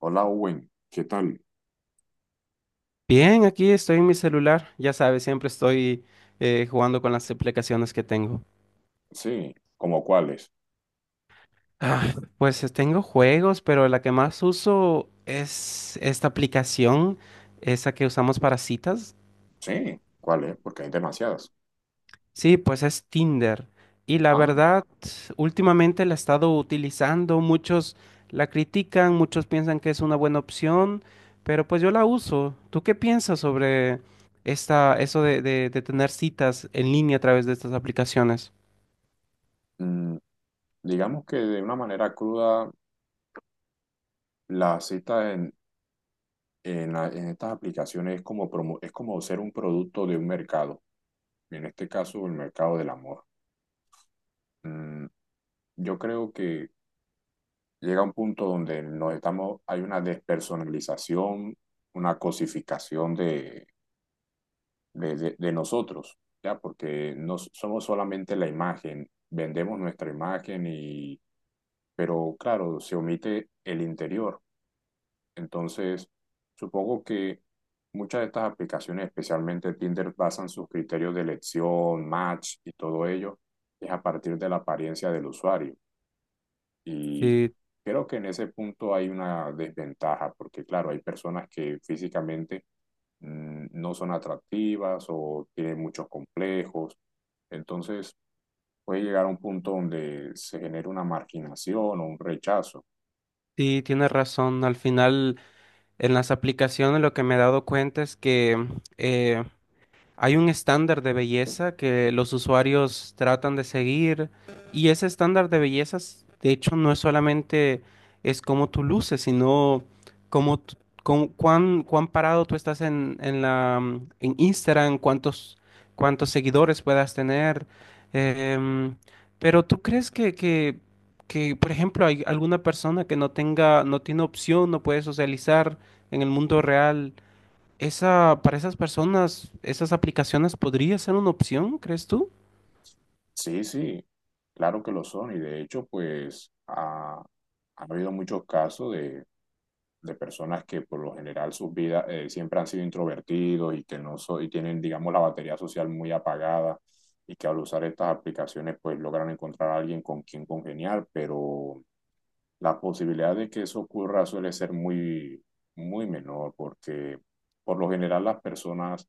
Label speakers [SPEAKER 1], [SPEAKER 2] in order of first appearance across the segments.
[SPEAKER 1] Hola, Owen, ¿qué tal?
[SPEAKER 2] Bien, aquí estoy en mi celular. Ya sabes, siempre estoy jugando con las aplicaciones que tengo.
[SPEAKER 1] Sí, ¿como cuáles?
[SPEAKER 2] Ah, pues tengo juegos, pero la que más uso es esta aplicación, esa que usamos para citas.
[SPEAKER 1] Sí, ¿cuáles? Porque hay demasiadas.
[SPEAKER 2] Sí, pues es Tinder. Y la
[SPEAKER 1] Ah,
[SPEAKER 2] verdad, últimamente la he estado utilizando. Muchos la critican, muchos piensan que es una buena opción, pero pues yo la uso. ¿Tú qué piensas sobre esta, eso de de tener citas en línea a través de estas aplicaciones?
[SPEAKER 1] mm, digamos que de una manera cruda, la cita en estas aplicaciones es como, es como ser un producto de un mercado, y en este caso el mercado del amor. Mm, yo creo que llega un punto donde nos estamos, hay una despersonalización, una cosificación de nosotros, ¿ya? Porque no somos solamente la imagen, vendemos nuestra imagen y, pero claro, se omite el interior. Entonces, supongo que muchas de estas aplicaciones, especialmente Tinder, basan sus criterios de elección, match y todo ello, es a partir de la apariencia del usuario. Y
[SPEAKER 2] Sí,
[SPEAKER 1] creo que en ese punto hay una desventaja, porque claro, hay personas que físicamente no son atractivas o tienen muchos complejos. Entonces puede llegar a un punto donde se genera una marginación o un rechazo.
[SPEAKER 2] sí, tienes razón. Al final, en las aplicaciones lo que me he dado cuenta es que eh, hay un estándar de belleza que los usuarios tratan de seguir, y ese estándar de belleza, de hecho, no es solamente es cómo tú luces, sino cómo, t- cuán parado tú estás en la, en Instagram, cuántos seguidores puedas tener. em, pero ¿tú crees que, por ejemplo, hay alguna persona que no tenga, no tiene opción, no puede socializar en el mundo real? Esa, para esas personas, esas aplicaciones podría ser una opción, ¿crees tú?
[SPEAKER 1] Sí, sí, claro que lo son y de hecho pues ha habido muchos casos de personas que por lo general sus vidas siempre han sido introvertidos y que no so- y tienen, digamos, la batería social muy apagada y que al usar estas aplicaciones pues logran encontrar a alguien con quien congeniar, pero la posibilidad de que eso ocurra suele ser muy, muy menor porque por lo general las personas,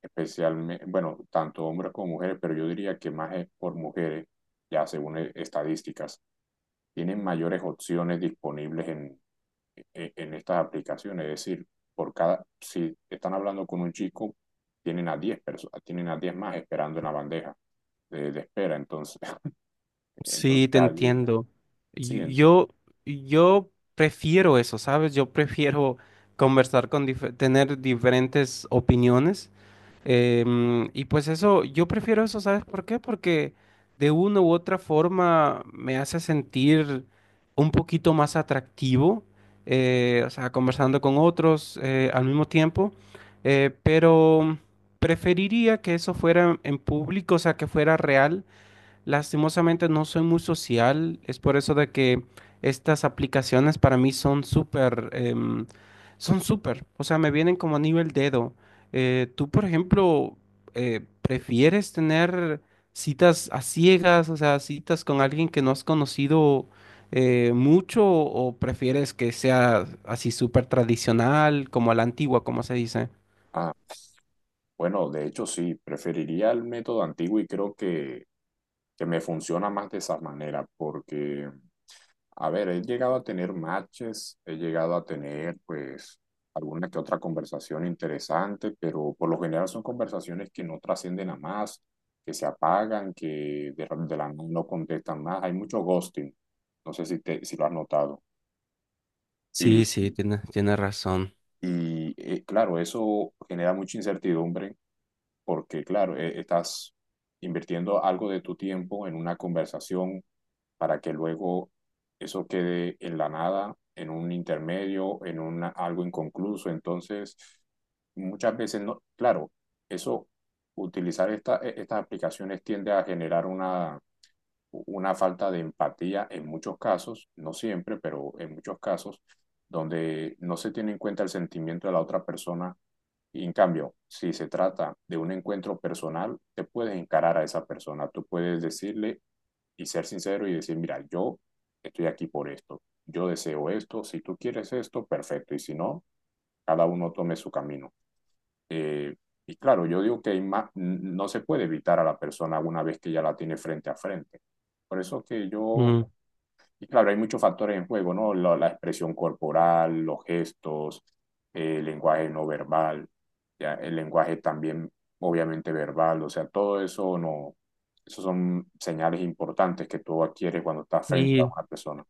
[SPEAKER 1] especialmente, bueno, tanto hombres como mujeres, pero yo diría que más es por mujeres, ya según estadísticas, tienen mayores opciones disponibles en estas aplicaciones. Es decir, por cada, si están hablando con un chico, tienen a 10 personas, tienen a 10 más esperando en la bandeja de espera. Entonces,
[SPEAKER 2] Sí,
[SPEAKER 1] entonces
[SPEAKER 2] te
[SPEAKER 1] allí,
[SPEAKER 2] entiendo.
[SPEAKER 1] sí,
[SPEAKER 2] Y- Yo, yo prefiero eso, ¿sabes? Yo prefiero conversar con, tener diferentes opiniones. Y pues eso, yo prefiero eso, ¿sabes por qué? Porque de una u otra forma me hace sentir un poquito más atractivo, o sea, conversando con otros al mismo tiempo, pero preferiría que eso fuera en público, o sea, que fuera real. Lastimosamente no soy muy social, es por eso de que estas aplicaciones para mí son son súper, o sea, me vienen como anillo el dedo. Tú, por ejemplo, ¿prefieres tener citas a ciegas, o sea, citas con alguien que no has conocido mucho, o prefieres que sea así súper tradicional, como a la antigua, como se dice?
[SPEAKER 1] bueno, de hecho sí, preferiría el método antiguo y creo que me funciona más de esa manera porque, a ver, he llegado a tener matches, he llegado a tener pues alguna que otra conversación interesante, pero por lo general son conversaciones que no trascienden a más, que se apagan, que de la no contestan más, hay mucho ghosting, no sé si, te, si lo has notado. Y,
[SPEAKER 2] Sí, sí, tienes, tienes razón.
[SPEAKER 1] y claro, eso genera mucha incertidumbre porque claro, estás invirtiendo algo de tu tiempo en una conversación para que luego eso quede en la nada, en un intermedio, en una, algo inconcluso. Entonces, muchas veces no, claro, eso, utilizar estas aplicaciones tiende a generar una falta de empatía en muchos casos, no siempre, pero en muchos casos, donde no se tiene en cuenta el sentimiento de la otra persona y en cambio, si se trata de un encuentro personal, te puedes encarar a esa persona, tú puedes decirle y ser sincero y decir, mira, yo estoy aquí por esto, yo deseo esto, si tú quieres esto, perfecto, y si no, cada uno tome su camino. Eh, y claro, yo digo que hay más, no se puede evitar a la persona una vez que ya la tiene frente a frente. Por eso que yo
[SPEAKER 2] Ujú.
[SPEAKER 1] y claro, hay muchos factores en juego, ¿no? La expresión corporal, los gestos, el lenguaje no verbal, ya, el lenguaje también obviamente verbal, o sea, todo eso no, esos son señales importantes que tú adquieres cuando estás frente a
[SPEAKER 2] Y
[SPEAKER 1] una persona.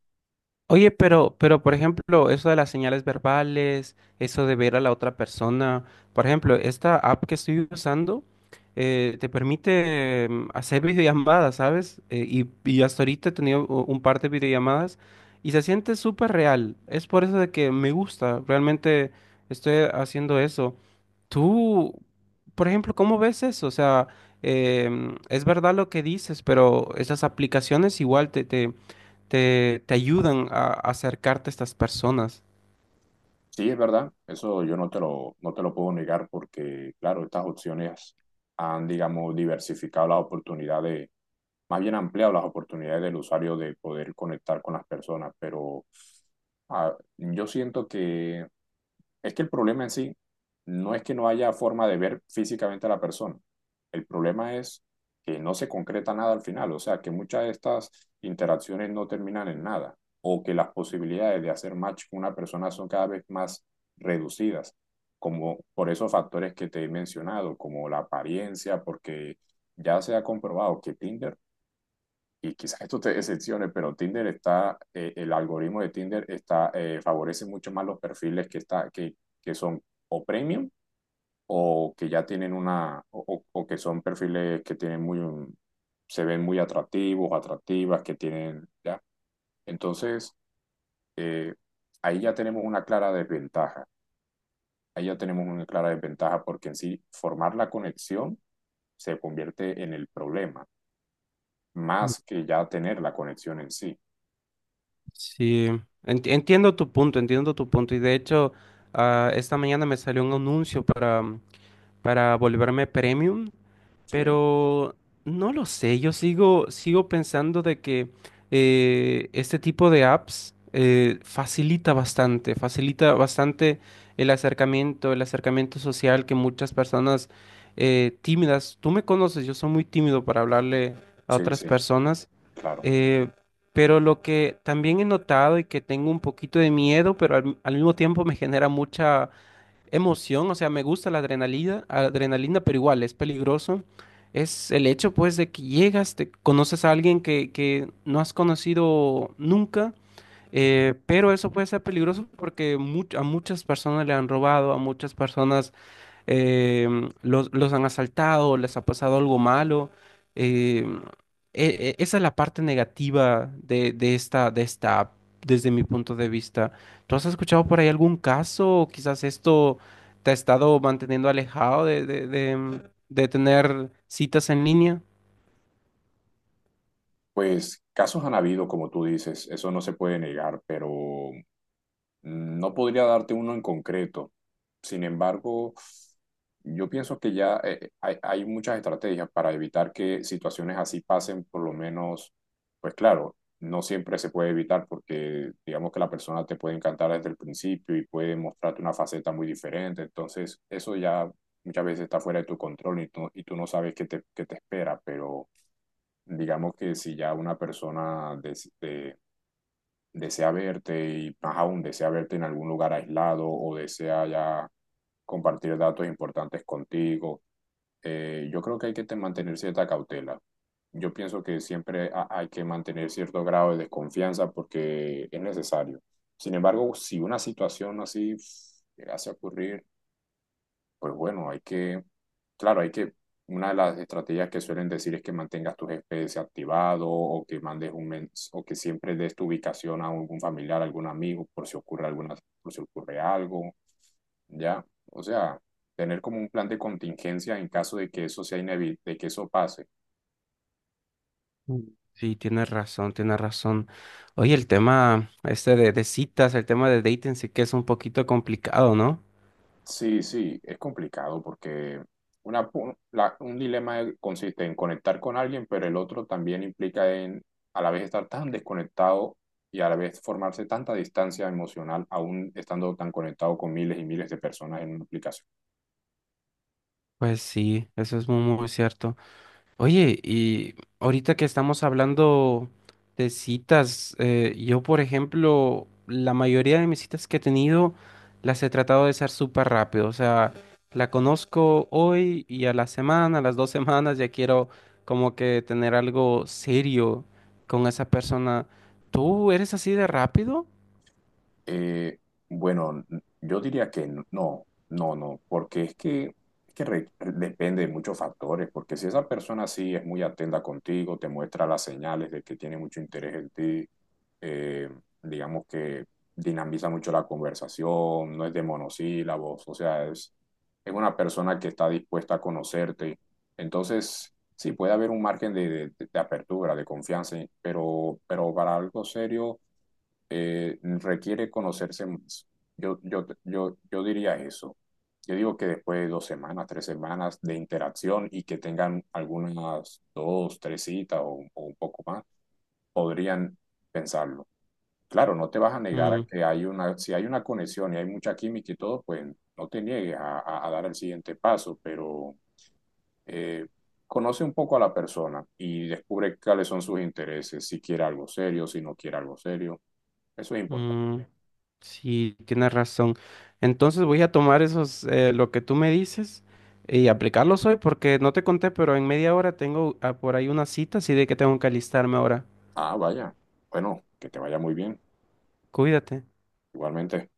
[SPEAKER 2] oye, pero por ejemplo, eso de las señales verbales, eso de ver a la otra persona, por ejemplo, esta app que estoy usando te permite hacer videollamadas, ¿sabes? Y hasta ahorita he tenido un par de videollamadas y se siente súper real. Es por eso de que me gusta, realmente estoy haciendo eso. Tú, por ejemplo, ¿cómo ves eso? O sea, es verdad lo que dices, pero esas aplicaciones igual te, te ayudan a acercarte a estas personas.
[SPEAKER 1] Sí, es verdad, eso yo no te lo puedo negar porque, claro, estas opciones han, digamos, diversificado la oportunidad de, más bien ampliado las oportunidades del usuario de poder conectar con las personas, pero yo siento que es que el problema en sí no es que no haya forma de ver físicamente a la persona, el problema es que no se concreta nada al final, o sea, que muchas de estas interacciones no terminan en nada, o que las posibilidades de hacer match con una persona son cada vez más reducidas, como por esos factores que te he mencionado, como la apariencia, porque ya se ha comprobado que Tinder y quizás esto te decepcione, pero Tinder está, el algoritmo de Tinder está, favorece mucho más los perfiles que son o premium o que ya tienen una, o que son perfiles que tienen se ven muy atractivos, atractivas, que tienen, ya. Entonces, eh, ahí ya tenemos una clara desventaja. Ahí ya tenemos una clara desventaja porque en sí formar la conexión se convierte en el problema, más que ya tener la conexión en sí.
[SPEAKER 2] Sí, entiendo tu punto, entiendo tu punto. Y de hecho, ah, esta mañana me salió un anuncio para, para volverme premium,
[SPEAKER 1] Sí,
[SPEAKER 2] pero no lo sé, yo sigo, sigo pensando de que este tipo de apps facilita bastante el acercamiento social que muchas personas tímidas, tú me conoces, yo soy muy tímido para hablarle a
[SPEAKER 1] sí,
[SPEAKER 2] otras
[SPEAKER 1] sí.
[SPEAKER 2] personas.
[SPEAKER 1] Claro,
[SPEAKER 2] Eh, pero lo que también he notado y que tengo un poquito de miedo, pero al, al mismo tiempo me genera mucha emoción, o sea, me gusta la adrenalina, adrenalina, pero igual es peligroso, es el hecho pues de que llegas, te conoces a alguien que no has conocido nunca, pero eso puede ser peligroso porque a muchas personas le han robado, a muchas personas eh, los han asaltado, les ha pasado algo malo. eh, Esa es la parte negativa de esta app, desde mi punto de vista. ¿Tú has escuchado por ahí algún caso? O quizás esto te ha estado manteniendo alejado de, de tener citas en línea.
[SPEAKER 1] pues casos han habido, como tú dices, eso no se puede negar, pero no podría darte uno en concreto. Sin embargo, yo pienso que ya hay muchas estrategias para evitar que situaciones así pasen, por lo menos, pues claro, no siempre se puede evitar porque digamos que la persona te puede encantar desde el principio y puede mostrarte una faceta muy diferente, entonces eso ya muchas veces está fuera de tu control y tú no sabes qué te espera, pero, digamos que si ya una persona desea verte y más aún desea verte en algún lugar aislado o desea ya compartir datos importantes contigo, yo creo que hay que mantener cierta cautela. Yo pienso que siempre hay que mantener cierto grado de desconfianza porque es necesario. Sin embargo, si una situación así pff, llegase a ocurrir, pues bueno, hay que, claro, hay que, una de las estrategias que suelen decir es que mantengas tus GPS activado o que mandes un mens o que siempre des tu ubicación a algún familiar, algún amigo, por si ocurre alguna, por si ocurre algo, ya. O sea, tener como un plan de contingencia en caso de que eso sea de que eso pase.
[SPEAKER 2] Sí, tienes razón, tienes razón. Oye, el tema este de citas, el tema de dating sí que es un poquito complicado, ¿no?
[SPEAKER 1] Sí, sí, es complicado porque un dilema consiste en conectar con alguien, pero el otro también implica en a la vez estar tan desconectado y a la vez formarse tanta distancia emocional, aún estando tan conectado con miles y miles de personas en una aplicación.
[SPEAKER 2] Pues sí, eso es muy, muy cierto. Oye, y ahorita que estamos hablando de citas, yo por ejemplo, la mayoría de mis citas que he tenido las he tratado de ser súper rápido, o sea, la conozco hoy y a la semana, a las 2 semanas ya quiero como que tener algo serio con esa persona. ¿Tú eres así de rápido?
[SPEAKER 1] Eh, bueno, yo diría que no, no, no, porque es que depende de muchos factores, porque si esa persona sí es muy atenta contigo, te muestra las señales de que tiene mucho interés en ti, eh, digamos que dinamiza mucho la conversación, no es de monosílabos, o sea, es una persona que está dispuesta a conocerte, entonces sí puede haber un margen de, de apertura, de confianza, pero para algo serio requiere conocerse más. Yo diría eso. Yo digo que después de dos semanas, tres semanas de interacción y que tengan algunas dos, tres citas o un poco más, podrían pensarlo. Claro, no te vas a negar a
[SPEAKER 2] Mm,
[SPEAKER 1] que hay una, si hay una conexión y hay mucha química y todo, pues no te niegues a, a dar el siguiente paso, pero eh, conoce un poco a la persona y descubre cuáles son sus intereses, si quiere algo serio, si no quiere algo serio. Eso es importante.
[SPEAKER 2] mm. Sí, tienes razón. Entonces voy a tomar esos, lo que tú me dices y aplicarlos hoy porque no te conté, pero en media hora tengo ah, por ahí una cita, así de que tengo que alistarme ahora.
[SPEAKER 1] Ah, vaya. Bueno, que te vaya muy bien.
[SPEAKER 2] Cuídate.
[SPEAKER 1] Igualmente.